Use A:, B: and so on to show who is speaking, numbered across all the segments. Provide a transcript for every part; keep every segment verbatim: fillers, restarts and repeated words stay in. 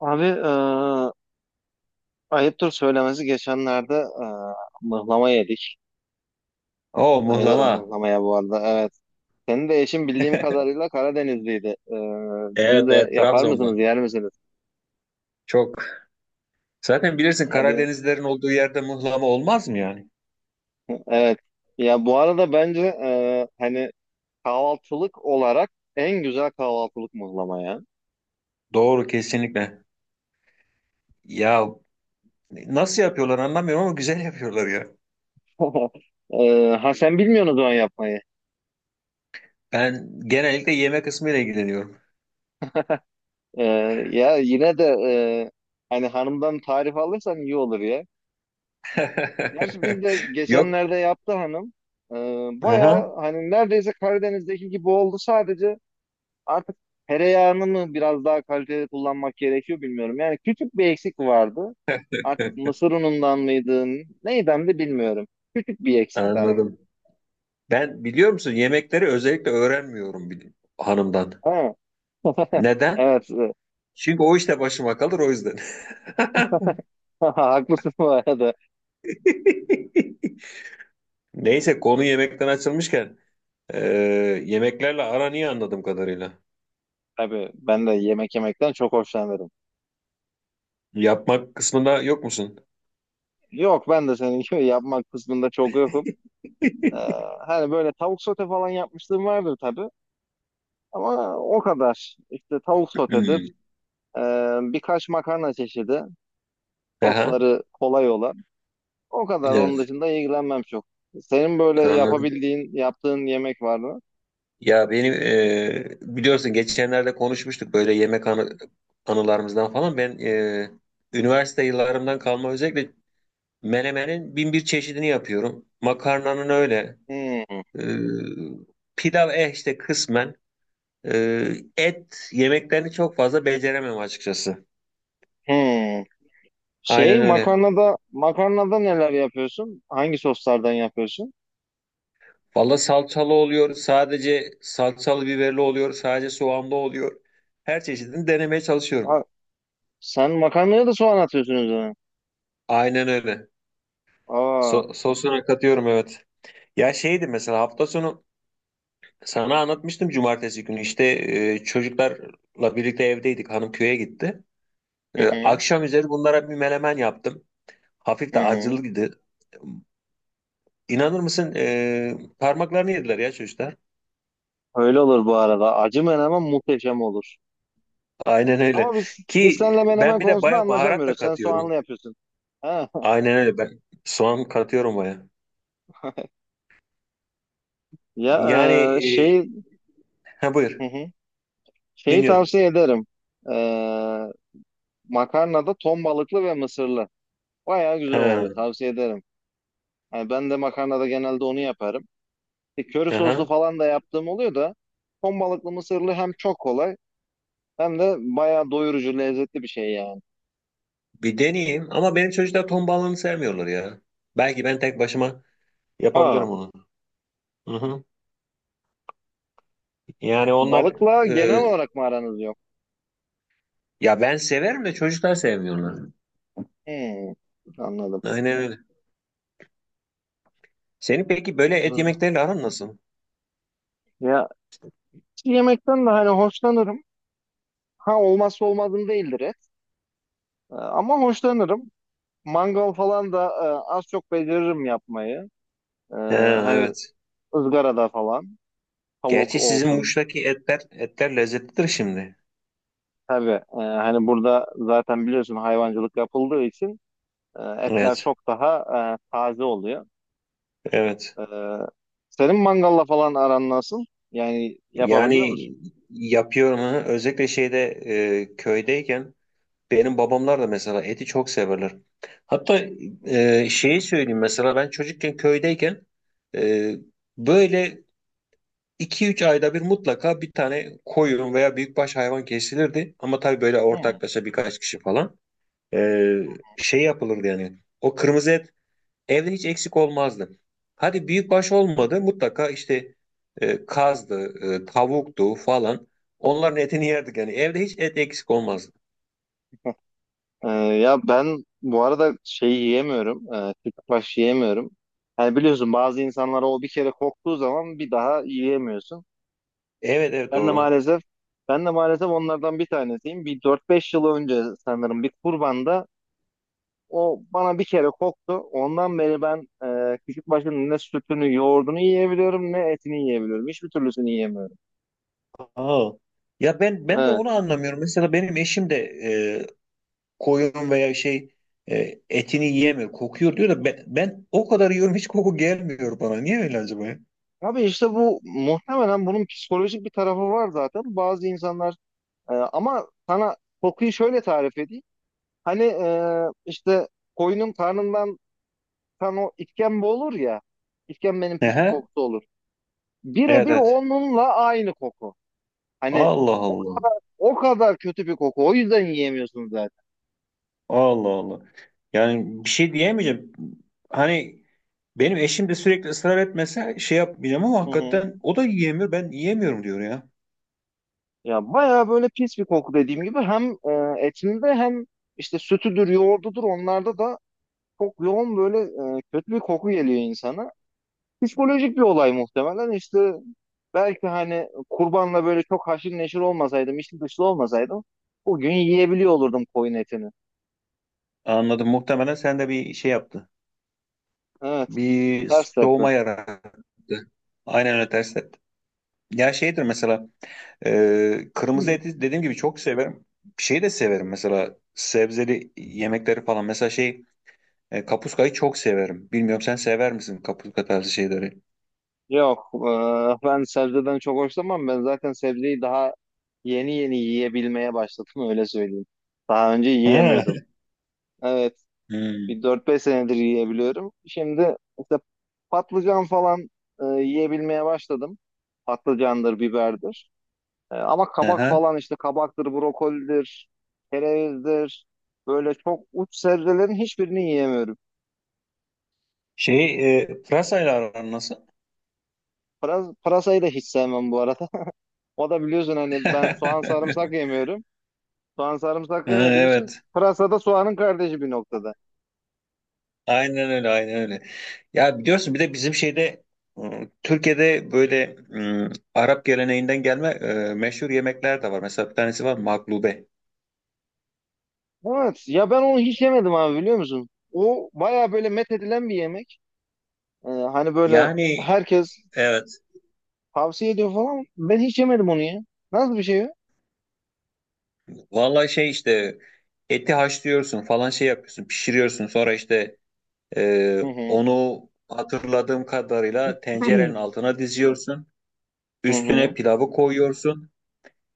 A: Abi eee ayıptır söylemesi geçenlerde eee mıhlama yedik.
B: O
A: Bayılırım
B: muhlama,
A: mıhlamaya bu arada. Evet. Senin de eşin bildiğim kadarıyla Karadenizliydi. Eee,
B: evet,
A: siz de
B: evet
A: yapar
B: Trabzon'da.
A: mısınız, yer misiniz?
B: Çok. Zaten bilirsin
A: Hadi.
B: Karadenizlerin olduğu yerde muhlama olmaz mı yani?
A: Evet. Ya bu arada bence eee, hani kahvaltılık olarak en güzel kahvaltılık mıhlama ya.
B: Doğru, kesinlikle. Ya nasıl yapıyorlar anlamıyorum ama güzel yapıyorlar ya.
A: Eee, ha sen bilmiyorsun o zaman yapmayı.
B: Ben genellikle yeme kısmıyla ilgileniyorum.
A: Eee, ya yine de eee, hani hanımdan tarif alırsan iyi olur. Gerçi biz de
B: Yok.
A: geçenlerde yaptı hanım. Ee,
B: Aha,
A: bayağı hani neredeyse Karadeniz'deki gibi oldu. Sadece artık tereyağını mı biraz daha kaliteli kullanmak gerekiyor bilmiyorum. Yani küçük bir eksik vardı. Artık mısır unundan mıydı? Neyden de bilmiyorum. Küçük bir eksik tamam.
B: anladım. Ben biliyor musun yemekleri özellikle öğrenmiyorum bir hanımdan.
A: Ha.
B: Neden?
A: Evet.
B: Çünkü o işte başıma kalır, o yüzden.
A: Haklısın bu arada.
B: Neyse, konu yemekten açılmışken Ee, yemeklerle aran iyi anladığım kadarıyla.
A: Tabii ben de yemek yemekten çok hoşlanırım.
B: Yapmak kısmında yok musun?
A: Yok ben de senin gibi yapmak kısmında çok yokum. Ee, hani böyle tavuk sote falan yapmışlığım vardır tabii. Ama o kadar. İşte tavuk sotedir,
B: Hmm.
A: e, birkaç makarna çeşidi,
B: Aha,
A: sosları kolay olan. O kadar. Onun
B: evet.
A: dışında ilgilenmem çok. Senin böyle
B: Anladım.
A: yapabildiğin, yaptığın yemek var mı?
B: Ya benim e, biliyorsun geçenlerde konuşmuştuk böyle yemek anı, anılarımızdan falan. Ben e, üniversite yıllarımdan kalma özellikle menemenin bin bir çeşidini yapıyorum. Makarnanın öyle.
A: Hmm,
B: E, Pilav eh işte kısmen. E, et yemeklerini çok fazla beceremem açıkçası.
A: hmm. Şey,
B: Aynen öyle.
A: makarnada, makarnada neler yapıyorsun? Hangi soslardan yapıyorsun?
B: Valla salçalı oluyor, sadece salçalı biberli oluyor, sadece soğanlı oluyor. Her çeşidini denemeye
A: Ha,
B: çalışıyorum.
A: sen makarnaya da soğan atıyorsun üzerine.
B: Aynen öyle.
A: Aa,
B: So sosuna katıyorum, evet. Ya şeydi mesela hafta sonu sana anlatmıştım cumartesi günü işte e, çocuklarla birlikte evdeydik. Hanım köye gitti.
A: hı
B: E,
A: hı,
B: akşam üzeri bunlara bir menemen yaptım. Hafif
A: hı
B: de
A: hı.
B: acılıydı. İnanır mısın e, parmaklarını yediler ya çocuklar.
A: Öyle olur bu arada. Acı menemen muhteşem olur.
B: Aynen öyle.
A: Ama biz, biz
B: Ki
A: seninle
B: ben
A: menemen
B: bir de
A: konusunda
B: baya baharat da
A: anlaşamıyoruz. Sen
B: katıyorum.
A: soğanlı yapıyorsun. He.
B: Aynen öyle. Ben soğan katıyorum baya.
A: Ya
B: Yani
A: e,
B: e,
A: şey,
B: ha
A: hı
B: buyur.
A: hı. Şeyi
B: Dinliyorum.
A: tavsiye ederim. E, makarnada ton balıklı ve mısırlı. Bayağı güzel oluyor.
B: Ha,
A: Tavsiye ederim. Yani ben de makarnada genelde onu yaparım. E, köri soslu
B: aha.
A: falan da yaptığım oluyor da ton balıklı mısırlı hem çok kolay hem de bayağı doyurucu lezzetli bir şey yani.
B: Bir deneyeyim ama benim çocuklar ton balığını sevmiyorlar ya. Belki ben tek başıma
A: Ha,
B: yapabilirim onu. Hı hı. Yani onlar
A: balıkla genel
B: e,
A: olarak mı aranız yok?
B: ya ben severim de çocuklar sevmiyorlar.
A: Hmm, anladım.
B: Aynen öyle. Senin peki böyle et
A: Anladım.
B: yemekleriyle aran nasıl?
A: Ya yemekten de hani hoşlanırım. Ha olmazsa olmazım değildir et. E, ama hoşlanırım. Mangal falan da e, az çok beceririm yapmayı. E,
B: Ha,
A: hani
B: evet.
A: ızgarada falan tavuk
B: Gerçi sizin
A: olsun.
B: Muş'taki etler etler lezzetlidir şimdi.
A: Tabii e, hani burada zaten biliyorsun hayvancılık yapıldığı için e, etler
B: Evet.
A: çok daha e, taze oluyor.
B: Evet.
A: E, senin mangalla falan aran nasıl? Yani yapabiliyor
B: Yani
A: musun?
B: yapıyorum ha. Özellikle şeyde e, köydeyken benim babamlar da mesela eti çok severler. Hatta e, şeyi söyleyeyim mesela ben çocukken köydeyken e, böyle iki üç ayda bir mutlaka bir tane koyun veya büyükbaş hayvan kesilirdi. Ama tabii böyle
A: Hmm.
B: ortaklaşa birkaç kişi falan E, şey yapılırdı yani. O kırmızı et evde hiç eksik olmazdı. Hadi büyükbaş olmadı mutlaka işte e, kazdı, e, tavuktu falan, onların etini yerdik yani evde hiç et eksik olmazdı.
A: E, ya ben bu arada şeyi yiyemiyorum. E, kütbaş yiyemiyorum. Hani biliyorsun bazı insanlara o bir kere koktuğu zaman bir daha yiyemiyorsun.
B: Evet, evet,
A: Ben de
B: doğru.
A: maalesef ben de maalesef onlardan bir tanesiyim. Bir dört beş yıl önce sanırım bir kurbanda o bana bir kere koktu. Ondan beri ben e, küçük başının ne sütünü, yoğurdunu yiyebiliyorum ne etini yiyebiliyorum. Hiçbir türlüsünü yiyemiyorum.
B: Aa. Ya ben ben de onu
A: Evet.
B: anlamıyorum. Mesela benim eşim de e, koyun veya şey, e, etini yiyemiyor. Kokuyor diyor da ben, ben o kadar yiyorum hiç koku gelmiyor bana. Niye öyle acaba ya?
A: Abi işte bu muhtemelen bunun psikolojik bir tarafı var zaten. Bazı insanlar e, ama sana kokuyu şöyle tarif edeyim. Hani e, işte koyunun karnından kan o işkembe olur ya. İşkembenin pis bir
B: Ehe.
A: kokusu olur.
B: Evet,
A: Birebir
B: evet.
A: onunla aynı koku. Hani
B: Allah Allah.
A: o kadar kötü bir koku. O yüzden yiyemiyorsunuz zaten.
B: Allah Allah. Yani bir şey diyemeyeceğim. Hani benim eşim de sürekli ısrar etmese şey yapmayacağım ama
A: Hı hı.
B: hakikaten o da yiyemiyor. Ben yiyemiyorum diyor ya.
A: Ya bayağı böyle pis bir koku dediğim gibi hem e, etinde hem işte sütüdür, yoğurdudur onlarda da çok yoğun böyle e, kötü bir koku geliyor insana. Psikolojik bir olay muhtemelen. İşte belki hani kurbanla böyle çok haşır neşir olmasaydım, içli dışlı olmasaydım bugün yiyebiliyor olurdum koyun etini.
B: Anladım. Muhtemelen sen de bir şey yaptı.
A: Evet,
B: Bir
A: ters tepe.
B: soğuma yarattı. Aynen öyle, ters. Ya şeydir mesela e, kırmızı eti dediğim gibi çok severim. Şeyi de severim mesela, sebzeli yemekleri falan. Mesela şey, e, kapuskayı çok severim. Bilmiyorum sen sever misin kapuska tarzı şeyleri?
A: Yok, eee, ben sebzeden çok hoşlanmam. Ben zaten sebzeyi daha yeni yeni yiyebilmeye başladım öyle söyleyeyim. Daha önce
B: Ha.
A: yiyemiyordum. Evet, bir
B: Hmm.
A: dört beş senedir yiyebiliyorum. Şimdi işte patlıcan falan eee, yiyebilmeye başladım. Patlıcandır, biberdir. Eee, ama kabak
B: Aha.
A: falan işte kabaktır, brokolidir, kerevizdir. Böyle çok uç sebzelerin hiçbirini yiyemiyorum.
B: Şey, e, pırasayla aran nasıl?
A: Pıras- Pırasayı da hiç sevmem bu arada. O da biliyorsun hani ben soğan sarımsak yemiyorum. Soğan sarımsak
B: Ha,
A: yemediğim için
B: evet.
A: pırasa da soğanın kardeşi bir noktada.
B: Aynen öyle, aynen öyle. Ya biliyorsun bir de bizim şeyde e, Türkiye'de böyle e, Arap geleneğinden gelme e, meşhur yemekler de var. Mesela bir tanesi var, maklube.
A: Evet ya ben onu hiç yemedim abi biliyor musun? O baya böyle met edilen bir yemek. Ee, hani böyle
B: Yani
A: herkes
B: evet.
A: tavsiye ediyor falan. Ben hiç yemedim onu ya. Nasıl bir şey o?
B: Vallahi şey işte, eti haşlıyorsun falan şey yapıyorsun pişiriyorsun sonra işte e,
A: Hı hı.
B: onu hatırladığım kadarıyla tencerenin altına diziyorsun,
A: Hı
B: üstüne
A: hı.
B: pilavı koyuyorsun.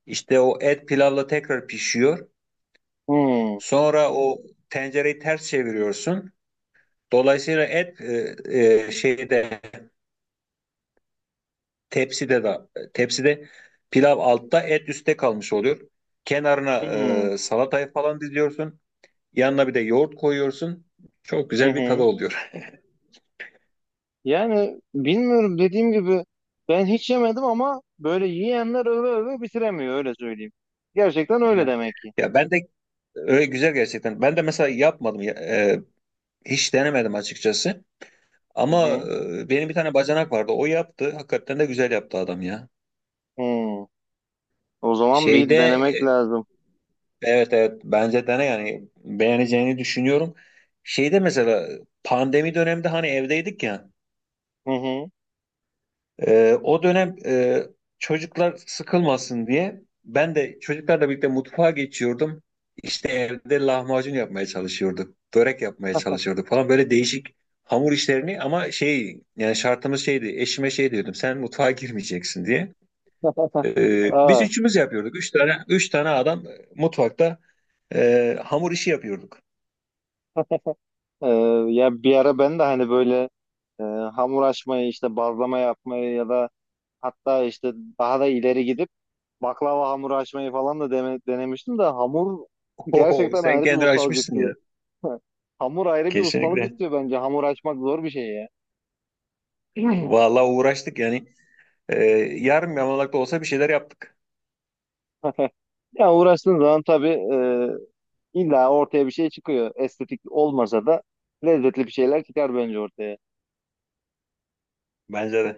B: İşte o et pilavla tekrar pişiyor,
A: Hı hı.
B: sonra o tencereyi ters çeviriyorsun, dolayısıyla et e, e, şeyde, tepside de tepside pilav altta et üstte kalmış oluyor. Kenarına e, salatayı falan diziyorsun. Yanına bir de yoğurt koyuyorsun. Çok
A: Hı
B: güzel bir tadı
A: hı.
B: oluyor.
A: Yani bilmiyorum dediğim gibi ben hiç yemedim ama böyle yiyenler öve öve bitiremiyor öyle söyleyeyim. Gerçekten öyle
B: Ya,
A: demek ki.
B: ya ben de öyle, güzel gerçekten. Ben de mesela yapmadım. Ya- e, hiç denemedim açıkçası.
A: Hı
B: Ama
A: hı.
B: e, benim bir tane bacanak vardı. O yaptı. Hakikaten de güzel yaptı adam ya.
A: Hı. O zaman
B: Şeyde
A: bir denemek
B: e,
A: lazım.
B: evet, evet, bence dene, yani beğeneceğini düşünüyorum. Şeyde mesela pandemi döneminde hani evdeydik ya.
A: Hı hı.
B: Ee, o dönem e, çocuklar sıkılmasın diye ben de çocuklarla birlikte mutfağa geçiyordum. İşte evde lahmacun yapmaya çalışıyorduk, börek yapmaya çalışıyorduk falan, böyle değişik hamur işlerini, ama şey yani şartımız şeydi, eşime şey diyordum, sen mutfağa girmeyeceksin diye. Ee, biz
A: Aa,
B: üçümüz yapıyorduk. Üç tane üç tane adam mutfakta e, hamur işi yapıyorduk.
A: e, ya bir ara ben de hani böyle e, hamur açmayı işte bazlama yapmayı ya da hatta işte daha da ileri gidip baklava hamuru açmayı falan da deme- denemiştim de hamur
B: Oho,
A: gerçekten
B: sen
A: ayrı bir
B: kendini
A: ustalık
B: açmışsın
A: istiyor.
B: ya.
A: Hamur ayrı bir ustalık
B: Kesinlikle.
A: istiyor bence. Hamur açmak zor bir şey ya.
B: Vallahi uğraştık yani. Ee, Yarım yamalak da olsa bir şeyler yaptık.
A: Ya uğraştığın zaman tabii e, illa ortaya bir şey çıkıyor. Estetik olmasa da lezzetli bir şeyler çıkar bence ortaya.
B: Bence de.